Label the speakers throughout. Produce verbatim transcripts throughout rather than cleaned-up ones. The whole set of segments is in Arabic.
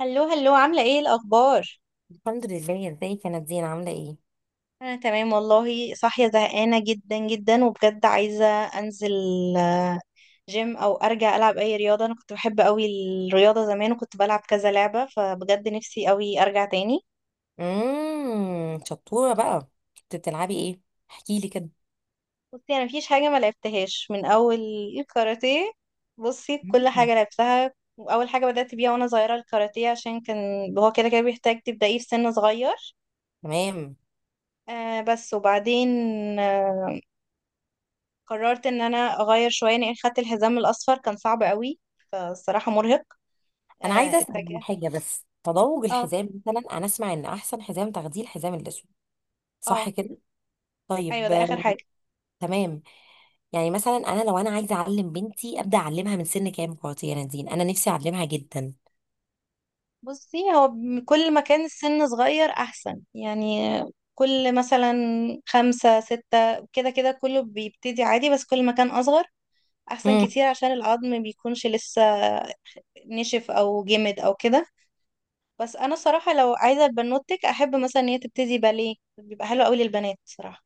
Speaker 1: هلو هلو، عاملة ايه الأخبار؟
Speaker 2: الحمد لله. ازيك يا نادين، عامله ايه؟
Speaker 1: أنا تمام والله، صاحية زهقانة جدا جدا وبجد عايزة أنزل جيم أو أرجع ألعب أي رياضة. أنا كنت بحب أوي الرياضة زمان وكنت بلعب كذا لعبة، فبجد نفسي أوي أرجع تاني.
Speaker 2: امم شطوره بقى. كنت بتلعبي ايه؟ احكي لي كده.
Speaker 1: بصي، أنا مفيش حاجة ما لعبتهاش من أول، الكاراتيه. بصي، كل
Speaker 2: مم.
Speaker 1: حاجة لعبتها. وأول حاجة بدأت بيها وأنا صغيرة الكاراتيه، عشان كان هو كده كده بيحتاج تبدأيه في سن صغير.
Speaker 2: تمام.
Speaker 1: آه بس وبعدين، آه، قررت ان انا اغير شويه لان خدت الحزام الاصفر كان صعب قوي، فالصراحه مرهق.
Speaker 2: انا عايزه
Speaker 1: آه،
Speaker 2: اسال عن
Speaker 1: اتجه.
Speaker 2: حاجه، بس تضوج
Speaker 1: اه،
Speaker 2: الحزام. مثلا انا اسمع ان احسن حزام تاخديه الحزام الاسود، صح
Speaker 1: اه،
Speaker 2: كده؟
Speaker 1: ايوه،
Speaker 2: طيب.
Speaker 1: ده
Speaker 2: آه،
Speaker 1: اخر حاجه.
Speaker 2: تمام. يعني مثلا انا لو انا عايزه اعلم بنتي، ابدا اعلمها من سن كام كواتي يا نادين؟ انا نفسي اعلمها جدا.
Speaker 1: بصي، هو م- كل ما كان السن صغير احسن يعني. كل مثلا خمسة ستة كده كده، كله بيبتدي عادي، بس كل ما كان اصغر احسن
Speaker 2: امم
Speaker 1: كتير عشان العظم بيكونش لسه نشف او جمد او كده. بس انا صراحه لو عايزه بنوتك، احب مثلا ان هي تبتدي باليه، بيبقى حلو قوي للبنات صراحه.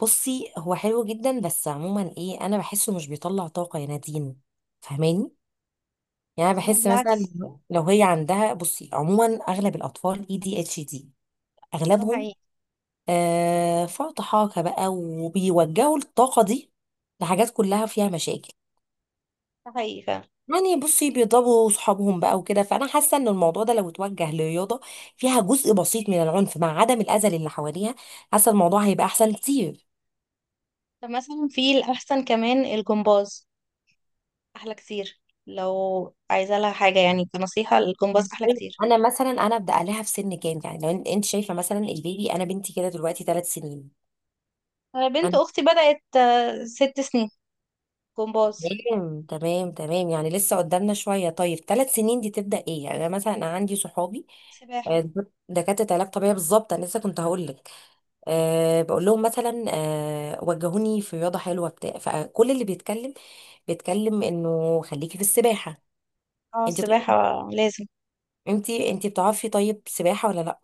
Speaker 2: بصي، هو حلو جدا، بس عموما ايه، انا بحسه مش بيطلع طاقه يا نادين، فاهماني؟ يعني أنا
Speaker 1: لا،
Speaker 2: بحس مثلا
Speaker 1: بالعكس.
Speaker 2: لو لو هي عندها، بصي عموما اغلب الاطفال اي دي اتش دي
Speaker 1: ده
Speaker 2: اغلبهم.
Speaker 1: حقيقي.
Speaker 2: آه، فرط حاجه بقى، وبيوجهوا الطاقه دي لحاجات كلها فيها مشاكل.
Speaker 1: ده حقيقي فعلا.
Speaker 2: يعني بصي بيضربوا صحابهم بقى وكده، فانا حاسه ان الموضوع ده لو اتوجه لرياضه فيها جزء بسيط من العنف، مع عدم الاذى اللي حواليها، حاسه الموضوع هيبقى احسن كتير.
Speaker 1: طب مثلا في الأحسن كمان الجمباز، أحلى كتير. لو عايزة لها حاجة، يعني كنصيحة الجمباز
Speaker 2: مم.
Speaker 1: أحلى
Speaker 2: طيب
Speaker 1: كتير.
Speaker 2: انا مثلا انا ابدا عليها في سن كام؟ يعني لو انت شايفه، مثلا البيبي، انا بنتي كده دلوقتي ثلاث سنين.
Speaker 1: أنا بنت أختي بدأت آه، ست سنين جمباز.
Speaker 2: تمام تمام تمام. يعني لسه قدامنا شوية. طيب ثلاث سنين دي تبدأ ايه؟ يعني انا مثلا انا عندي صحابي،
Speaker 1: سباحة.
Speaker 2: آه، دكاترة علاج طبيعي بالظبط. انا لسه كنت هقول لك. أه بقول لهم مثلا، أه وجهوني في رياضة حلوة بتاع. فكل اللي بيتكلم بيتكلم انه خليكي في السباحة.
Speaker 1: اه،
Speaker 2: انت طيب،
Speaker 1: السباحة لازم.
Speaker 2: انت انت بتعرفي، طيب سباحة ولا لا؟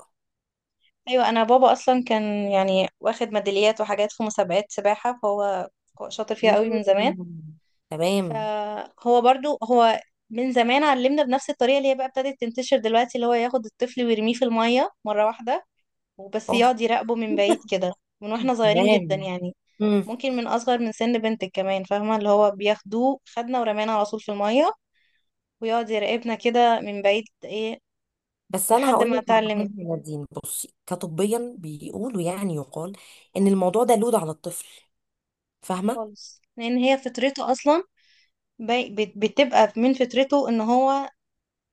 Speaker 1: أيوة، أنا بابا أصلا كان يعني واخد ميداليات وحاجات في مسابقات سباحة، فهو هو شاطر فيها قوي من زمان.
Speaker 2: مم. تمام.
Speaker 1: فهو برضو هو من زمان علمنا بنفس الطريقة اللي هي بقى ابتدت تنتشر دلوقتي، اللي هو ياخد الطفل ويرميه في المية مرة واحدة وبس،
Speaker 2: اوه.
Speaker 1: يقعد يراقبه من بعيد كده، من واحنا صغيرين جدا
Speaker 2: تمام.
Speaker 1: يعني. ممكن من اصغر من سن بنتك كمان، فاهمه؟ اللي هو بياخدوه، خدنا ورمانا على طول في الميه، ويقعد يراقبنا كده من بعيد ايه
Speaker 2: بس انا
Speaker 1: لحد
Speaker 2: هقول
Speaker 1: ما
Speaker 2: لك على
Speaker 1: اتعلمنا.
Speaker 2: حاجه يا نادين، بصي كطبيا بيقولوا، يعني يقال ان الموضوع ده لود على الطفل، فاهمه؟
Speaker 1: خالص، لان هي فطرته اصلا. بي- بت- بتبقى من فطرته ان هو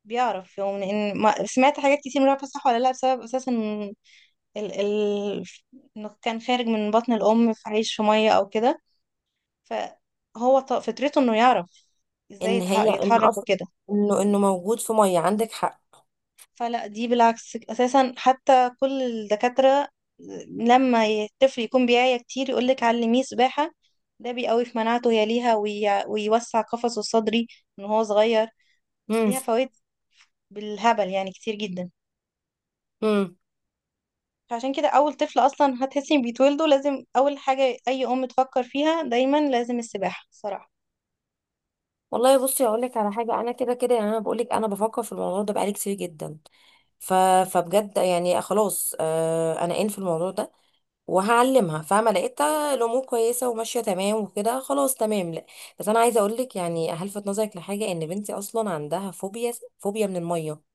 Speaker 1: بيعرف يعني. ان ما سمعت حاجات كتير، مش عارفه صح ولا لا، بسبب اساسا ال... ال... انه كان خارج من بطن الام، في عيش في ميه او كده. فهو ط- فطرته انه يعرف ازاي
Speaker 2: ان
Speaker 1: يتح-
Speaker 2: هي ان
Speaker 1: يتحرك
Speaker 2: اصلا
Speaker 1: وكده.
Speaker 2: انه انه موجود في ميه، عندك حق.
Speaker 1: فلا، دي بالعكس اساسا. حتى كل الدكاترة لما الطفل يكون بيعيا كتير يقولك علميه سباحة، ده بيقوي في مناعته هي، ليها وي... ويوسع قفصه الصدري من هو صغير.
Speaker 2: امم
Speaker 1: ليها فوائد بالهبل يعني، كتير جدا.
Speaker 2: امم
Speaker 1: فعشان كده اول طفل اصلا هتحسي إن بيتولده، لازم اول حاجة اي ام تفكر فيها دايما لازم السباحة صراحة.
Speaker 2: والله، بصي اقول لك على حاجه، انا كده كده، يعني انا بقول لك، انا بفكر في الموضوع ده بقالي كتير جدا. ف... فبجد يعني خلاص، آه انا ان في الموضوع ده وهعلمها، فاهمه؟ لقيتها الامور كويسه وماشيه تمام وكده، خلاص تمام، لا. بس انا عايزه اقول لك يعني هلفت نظرك لحاجه، ان بنتي اصلا عندها فوبيا، فوبيا من الميه.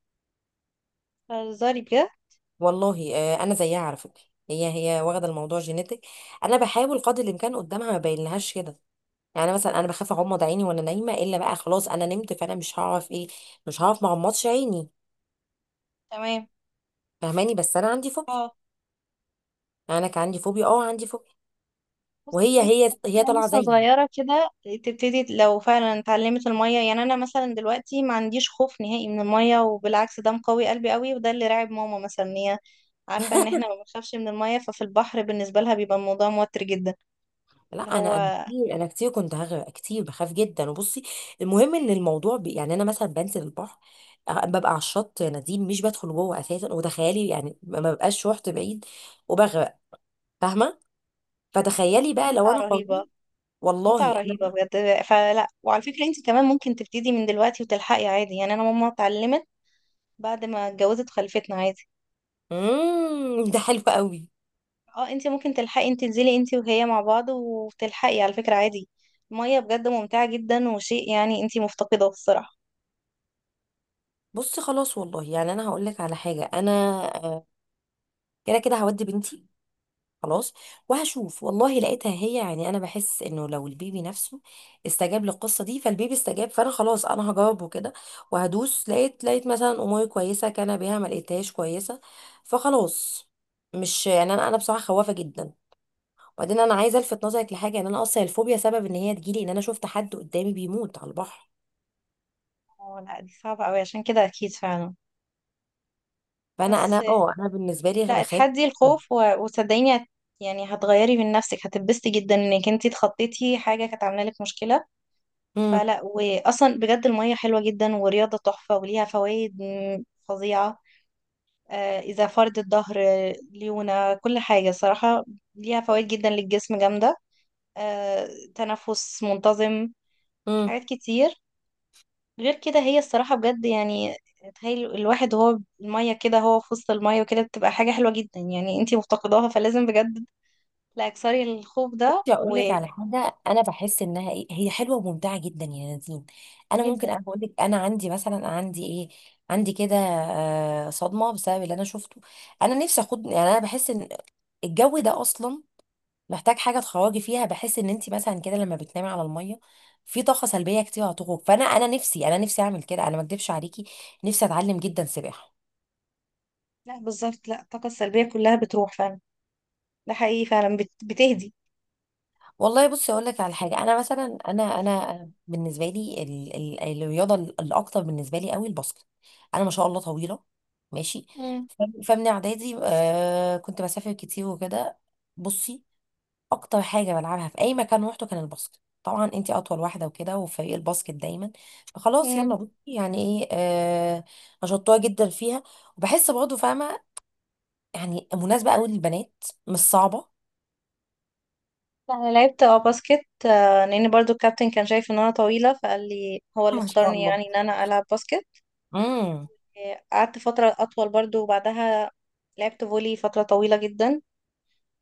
Speaker 1: هزاري بجد.
Speaker 2: والله، آه، انا زيها على فكره. هي هي واخده الموضوع جينيتك. انا بحاول قدر الامكان قدامها ما بينلهاش كده. يعني مثلا انا بخاف اغمض عيني وانا نايمه، الا بقى خلاص انا نمت، فانا مش هعرف ايه، مش هعرف ما اغمضش عيني،
Speaker 1: تمام.
Speaker 2: فاهماني؟ بس انا عندي فوبيا.
Speaker 1: اه.
Speaker 2: يعني انا كان عندي فوبيا، اه عندي فوبيا.
Speaker 1: بصي،
Speaker 2: وهي هي هي
Speaker 1: يعني
Speaker 2: طالعه
Speaker 1: لسه
Speaker 2: زيي.
Speaker 1: صغيرة كده، تبتدي لو فعلا اتعلمت المية. يعني أنا مثلا دلوقتي ما عنديش خوف نهائي من المية، وبالعكس ده مقوي قلبي قوي، وده اللي راعب ماما مثلا، إن هي عارفة إن إحنا ما بنخافش من المية، ففي البحر بالنسبة لها بيبقى الموضوع موتر جدا.
Speaker 2: لا،
Speaker 1: اللي
Speaker 2: انا انا
Speaker 1: هو
Speaker 2: كتير انا كتير كنت هغرق كتير، بخاف جدا. وبصي، المهم ان الموضوع ب... يعني انا مثلا بنزل البحر، أ- ببقى على الشط يا نادين، مش بدخل جوه اساسا. وتخيلي يعني ما ما ببقاش رحت بعيد وبغرق، فاهمه؟ فتخيلي بقى لو
Speaker 1: متعة
Speaker 2: انا
Speaker 1: رهيبة.
Speaker 2: قررت.
Speaker 1: متعة
Speaker 2: والله
Speaker 1: رهيبة
Speaker 2: انا.
Speaker 1: بجد. فلا، وعلى فكرة انت كمان ممكن تبتدي من دلوقتي وتلحقي عادي. يعني انا ماما اتعلمت بعد ما اتجوزت، خلفتنا عادي.
Speaker 2: امم ده حلو قوي.
Speaker 1: اه، انت ممكن تلحقي، انت تنزلي انت وهي مع بعض وتلحقي على فكرة عادي. المية بجد ممتعة جدا، وشيء يعني انت مفتقدة الصراحة.
Speaker 2: بصي خلاص، والله يعني انا هقول لك على حاجه، انا آه، كده كده هودي بنتي، خلاص، وهشوف. والله لقيتها هي، يعني انا بحس انه لو البيبي نفسه استجاب للقصه دي، فالبيبي استجاب، فانا خلاص انا هجاوبه كده وهدوس. لقيت لقيت مثلا اموري كويسه كان بيها، ما لقيتهاش كويسه فخلاص. مش يعني انا انا بصراحه خوافه جدا. وبعدين انا عايزه الفت نظرك لحاجه، ان انا اصلا الفوبيا سبب ان هي تجيلي ان انا شفت حد قدامي بيموت على البحر.
Speaker 1: اه، لا، دي صعبة قوي عشان كده اكيد فعلا.
Speaker 2: فانا
Speaker 1: بس
Speaker 2: انا اه انا بالنسبه لي
Speaker 1: لا،
Speaker 2: بخاف.
Speaker 1: اتحدي الخوف و- وصدقيني هت- يعني هتغيري من نفسك، هتتبسطي جدا انك انت اتخطيتي حاجة كانت عاملة لك مشكلة. فلا، واصلا بجد المية حلوة جدا ورياضة تحفة وليها فوائد م- فظيعة. آه، اذا فرد الظهر، آه، ليونة، كل حاجة صراحة. ليها فوائد جدا للجسم جامدة. آه، تنفس منتظم.
Speaker 2: امم
Speaker 1: حاجات كتير. غير كده هي الصراحة بجد يعني، تخيل الواحد هو المية كده، هو في وسط المية وكده، بتبقى حاجة حلوة جدا. يعني انتي مفتقداها، فلازم بجد، لا اكسري الخوف ده.
Speaker 2: بصي اقول لك على حاجه، انا بحس انها ايه، هي حلوه وممتعه جدا يا نادين. انا ممكن
Speaker 1: وجدا.
Speaker 2: انا بقول لك، انا عندي مثلا، عندي ايه، عندي كده آه، صدمه بسبب اللي انا شفته. انا نفسي اخد، يعني انا بحس ان الجو ده اصلا محتاج حاجه تخرجي فيها. بحس ان انت مثلا كده لما بتنامي على الميه في طاقه سلبيه كتير هتخرج. فانا انا نفسي انا نفسي اعمل كده، انا ما اكدبش عليكي، نفسي اتعلم جدا سباحه.
Speaker 1: لا، بالظبط. لا، الطاقة السلبية كلها بتروح فعلا. ده حقيقي فعلا، بت... بتهدي.
Speaker 2: والله، بصي اقول لك على حاجه، انا مثلا انا انا بالنسبه لي ال- ال- الرياضه الاكتر بالنسبه لي قوي الباسكت. انا ما شاء الله طويله، ماشي.
Speaker 1: مم.
Speaker 2: ف- فمن اعدادي، آه كنت بسافر كتير وكده. بصي، اكتر حاجه بلعبها في اي مكان روحته كان الباسكت، طبعا انتي اطول واحده وكده، وفريق الباسكت دايما. فخلاص يلا
Speaker 1: مم.
Speaker 2: بصي، يعني ايه، آه شطوره جدا فيها. وبحس برضه فاهمه يعني، مناسبه قوي للبنات، مش صعبه.
Speaker 1: لا، انا لعبت اه باسكت، آه، لان برضو الكابتن كان شايف ان انا طويلة، فقال لي، هو اللي
Speaker 2: ما شاء
Speaker 1: اختارني
Speaker 2: الله.
Speaker 1: يعني ان انا العب باسكت. قعدت فترة أطول برضو، وبعدها لعبت فولي فترة طويلة جدا.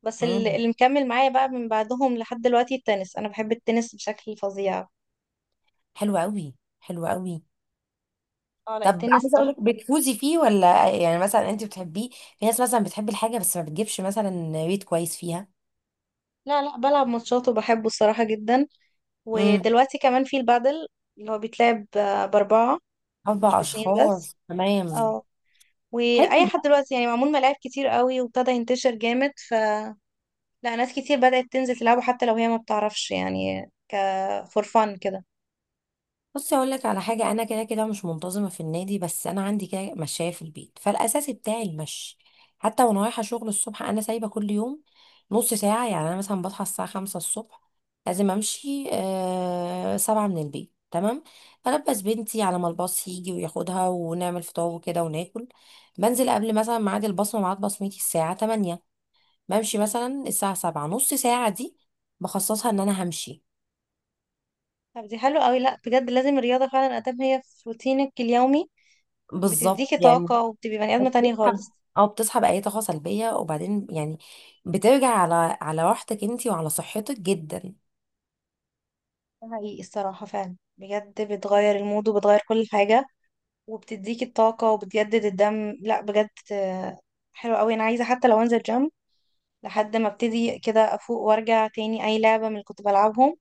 Speaker 1: بس ال-
Speaker 2: امم
Speaker 1: اللي مكمل معايا بقى من بعدهم لحد دلوقتي التنس، أنا بحب التنس بشكل فظيع.
Speaker 2: حلو قوي، حلو قوي.
Speaker 1: اه لا،
Speaker 2: طب
Speaker 1: التنس
Speaker 2: عايزه اقول لك،
Speaker 1: تحفة.
Speaker 2: بتفوزي فيه ولا؟ يعني مثلا انت بتحبيه. في ناس مثلا بتحب الحاجه بس ما بتجيبش مثلا ريت كويس فيها.
Speaker 1: لا لا، بلعب ماتشات وبحبه الصراحة جدا.
Speaker 2: امم
Speaker 1: ودلوقتي كمان في البادل، اللي هو بيتلعب آه، بأربعة، مش
Speaker 2: اربع
Speaker 1: باتنين بس.
Speaker 2: اشخاص تمام.
Speaker 1: اه. وأي
Speaker 2: حلو.
Speaker 1: حد دلوقتي يعني، معمول ملاعب كتير قوي وابتدى ينتشر جامد. فلا، ناس كتير بدأت تنزل تلعبه حتى لو هي ما بتعرفش، يعني ك فور فن كده.
Speaker 2: بصي اقول لك على حاجه، انا كده كده مش منتظمه في النادي، بس انا عندي كده مشاية في البيت، فالاساسي بتاعي المشي. حتى وانا رايحه شغل الصبح، انا سايبه كل يوم نص ساعه. يعني انا مثلا بصحى الساعه خمسه الصبح، لازم امشي آه سبعه من البيت، تمام. البس بنتي على ما الباص يجي وياخدها، ونعمل فطار وكده وناكل، بنزل قبل مثلا ميعاد البصمه. ميعاد بصمتي الساعه تمانيه، بمشي مثلا الساعه سبعه. نص ساعه دي بخصصها ان انا همشي.
Speaker 1: طب دي حلوة قوي. لا بجد، لازم الرياضة فعلا ادام هي في روتينك اليومي،
Speaker 2: بالظبط
Speaker 1: بتديكي
Speaker 2: يعني.
Speaker 1: طاقة وبتبقي بني ادمة تانية
Speaker 2: وبتسحب
Speaker 1: خالص.
Speaker 2: او بتسحب اي طاقه سلبيه، وبعدين يعني بترجع على على راحتك انت، وعلى صحتك جدا.
Speaker 1: ده حقيقي الصراحة فعلا، بجد بتغير المود وبتغير كل حاجة، وبتديكي الطاقة وبتجدد الدم. لا بجد آه، حلوة قوي. انا عايزة حتى لو انزل جيم لحد ما ابتدي كده افوق، وارجع تاني اي لعبة من اللي كنت بلعبهم.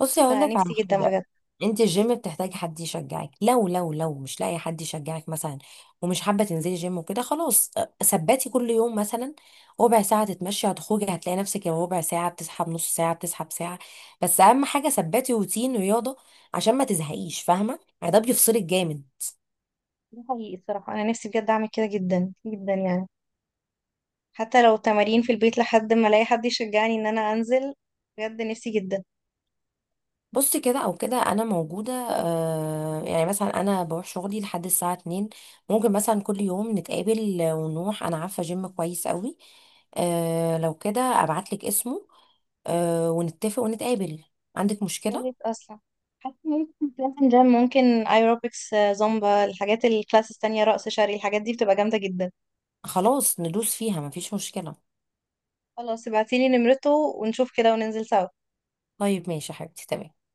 Speaker 2: بصي هقول لك على
Speaker 1: فنفسي جدا
Speaker 2: حاجه،
Speaker 1: بجد.
Speaker 2: انت الجيم بتحتاجي حد يشجعك، لو لو لو مش لاقي حد يشجعك مثلا، ومش حابه تنزلي جيم وكده، خلاص، أه، ثبتي كل يوم مثلا ربع ساعه تتمشي، هتخرجي هتلاقي نفسك، يا ربع ساعه بتسحب، نص ساعه بتسحب، ساعه. بس اهم حاجه ثبتي روتين رياضه عشان ما تزهقيش، فاهمه يعني؟ ده بيفصلك جامد.
Speaker 1: ده حقيقي الصراحة، انا نفسي بجد اعمل كده جدا جدا يعني، حتى لو تمارين في البيت لحد ما الاقي حد يشجعني ان انا انزل. بجد نفسي جدا.
Speaker 2: بص، كده او كده انا موجوده. آه يعني مثلا انا بروح شغلي لحد الساعه اتنين، ممكن مثلا كل يوم نتقابل ونروح. انا عارفه جيم كويس قوي، آه لو كده ابعت لك اسمه، آه ونتفق ونتقابل. عندك مشكله؟
Speaker 1: جامد اصلا. حاسه ان أنا كنت بروح جيم، ممكن ايروبكس، زومبا، الحاجات الكلاسز التانية، رقص شرقي، الحاجات دي بتبقى جامده جدا.
Speaker 2: خلاص ندوس فيها، مفيش مشكله.
Speaker 1: خلاص، ابعتيلي نمرته ونشوف كده وننزل سوا.
Speaker 2: طيب ماشي يا حبيبتي، تمام.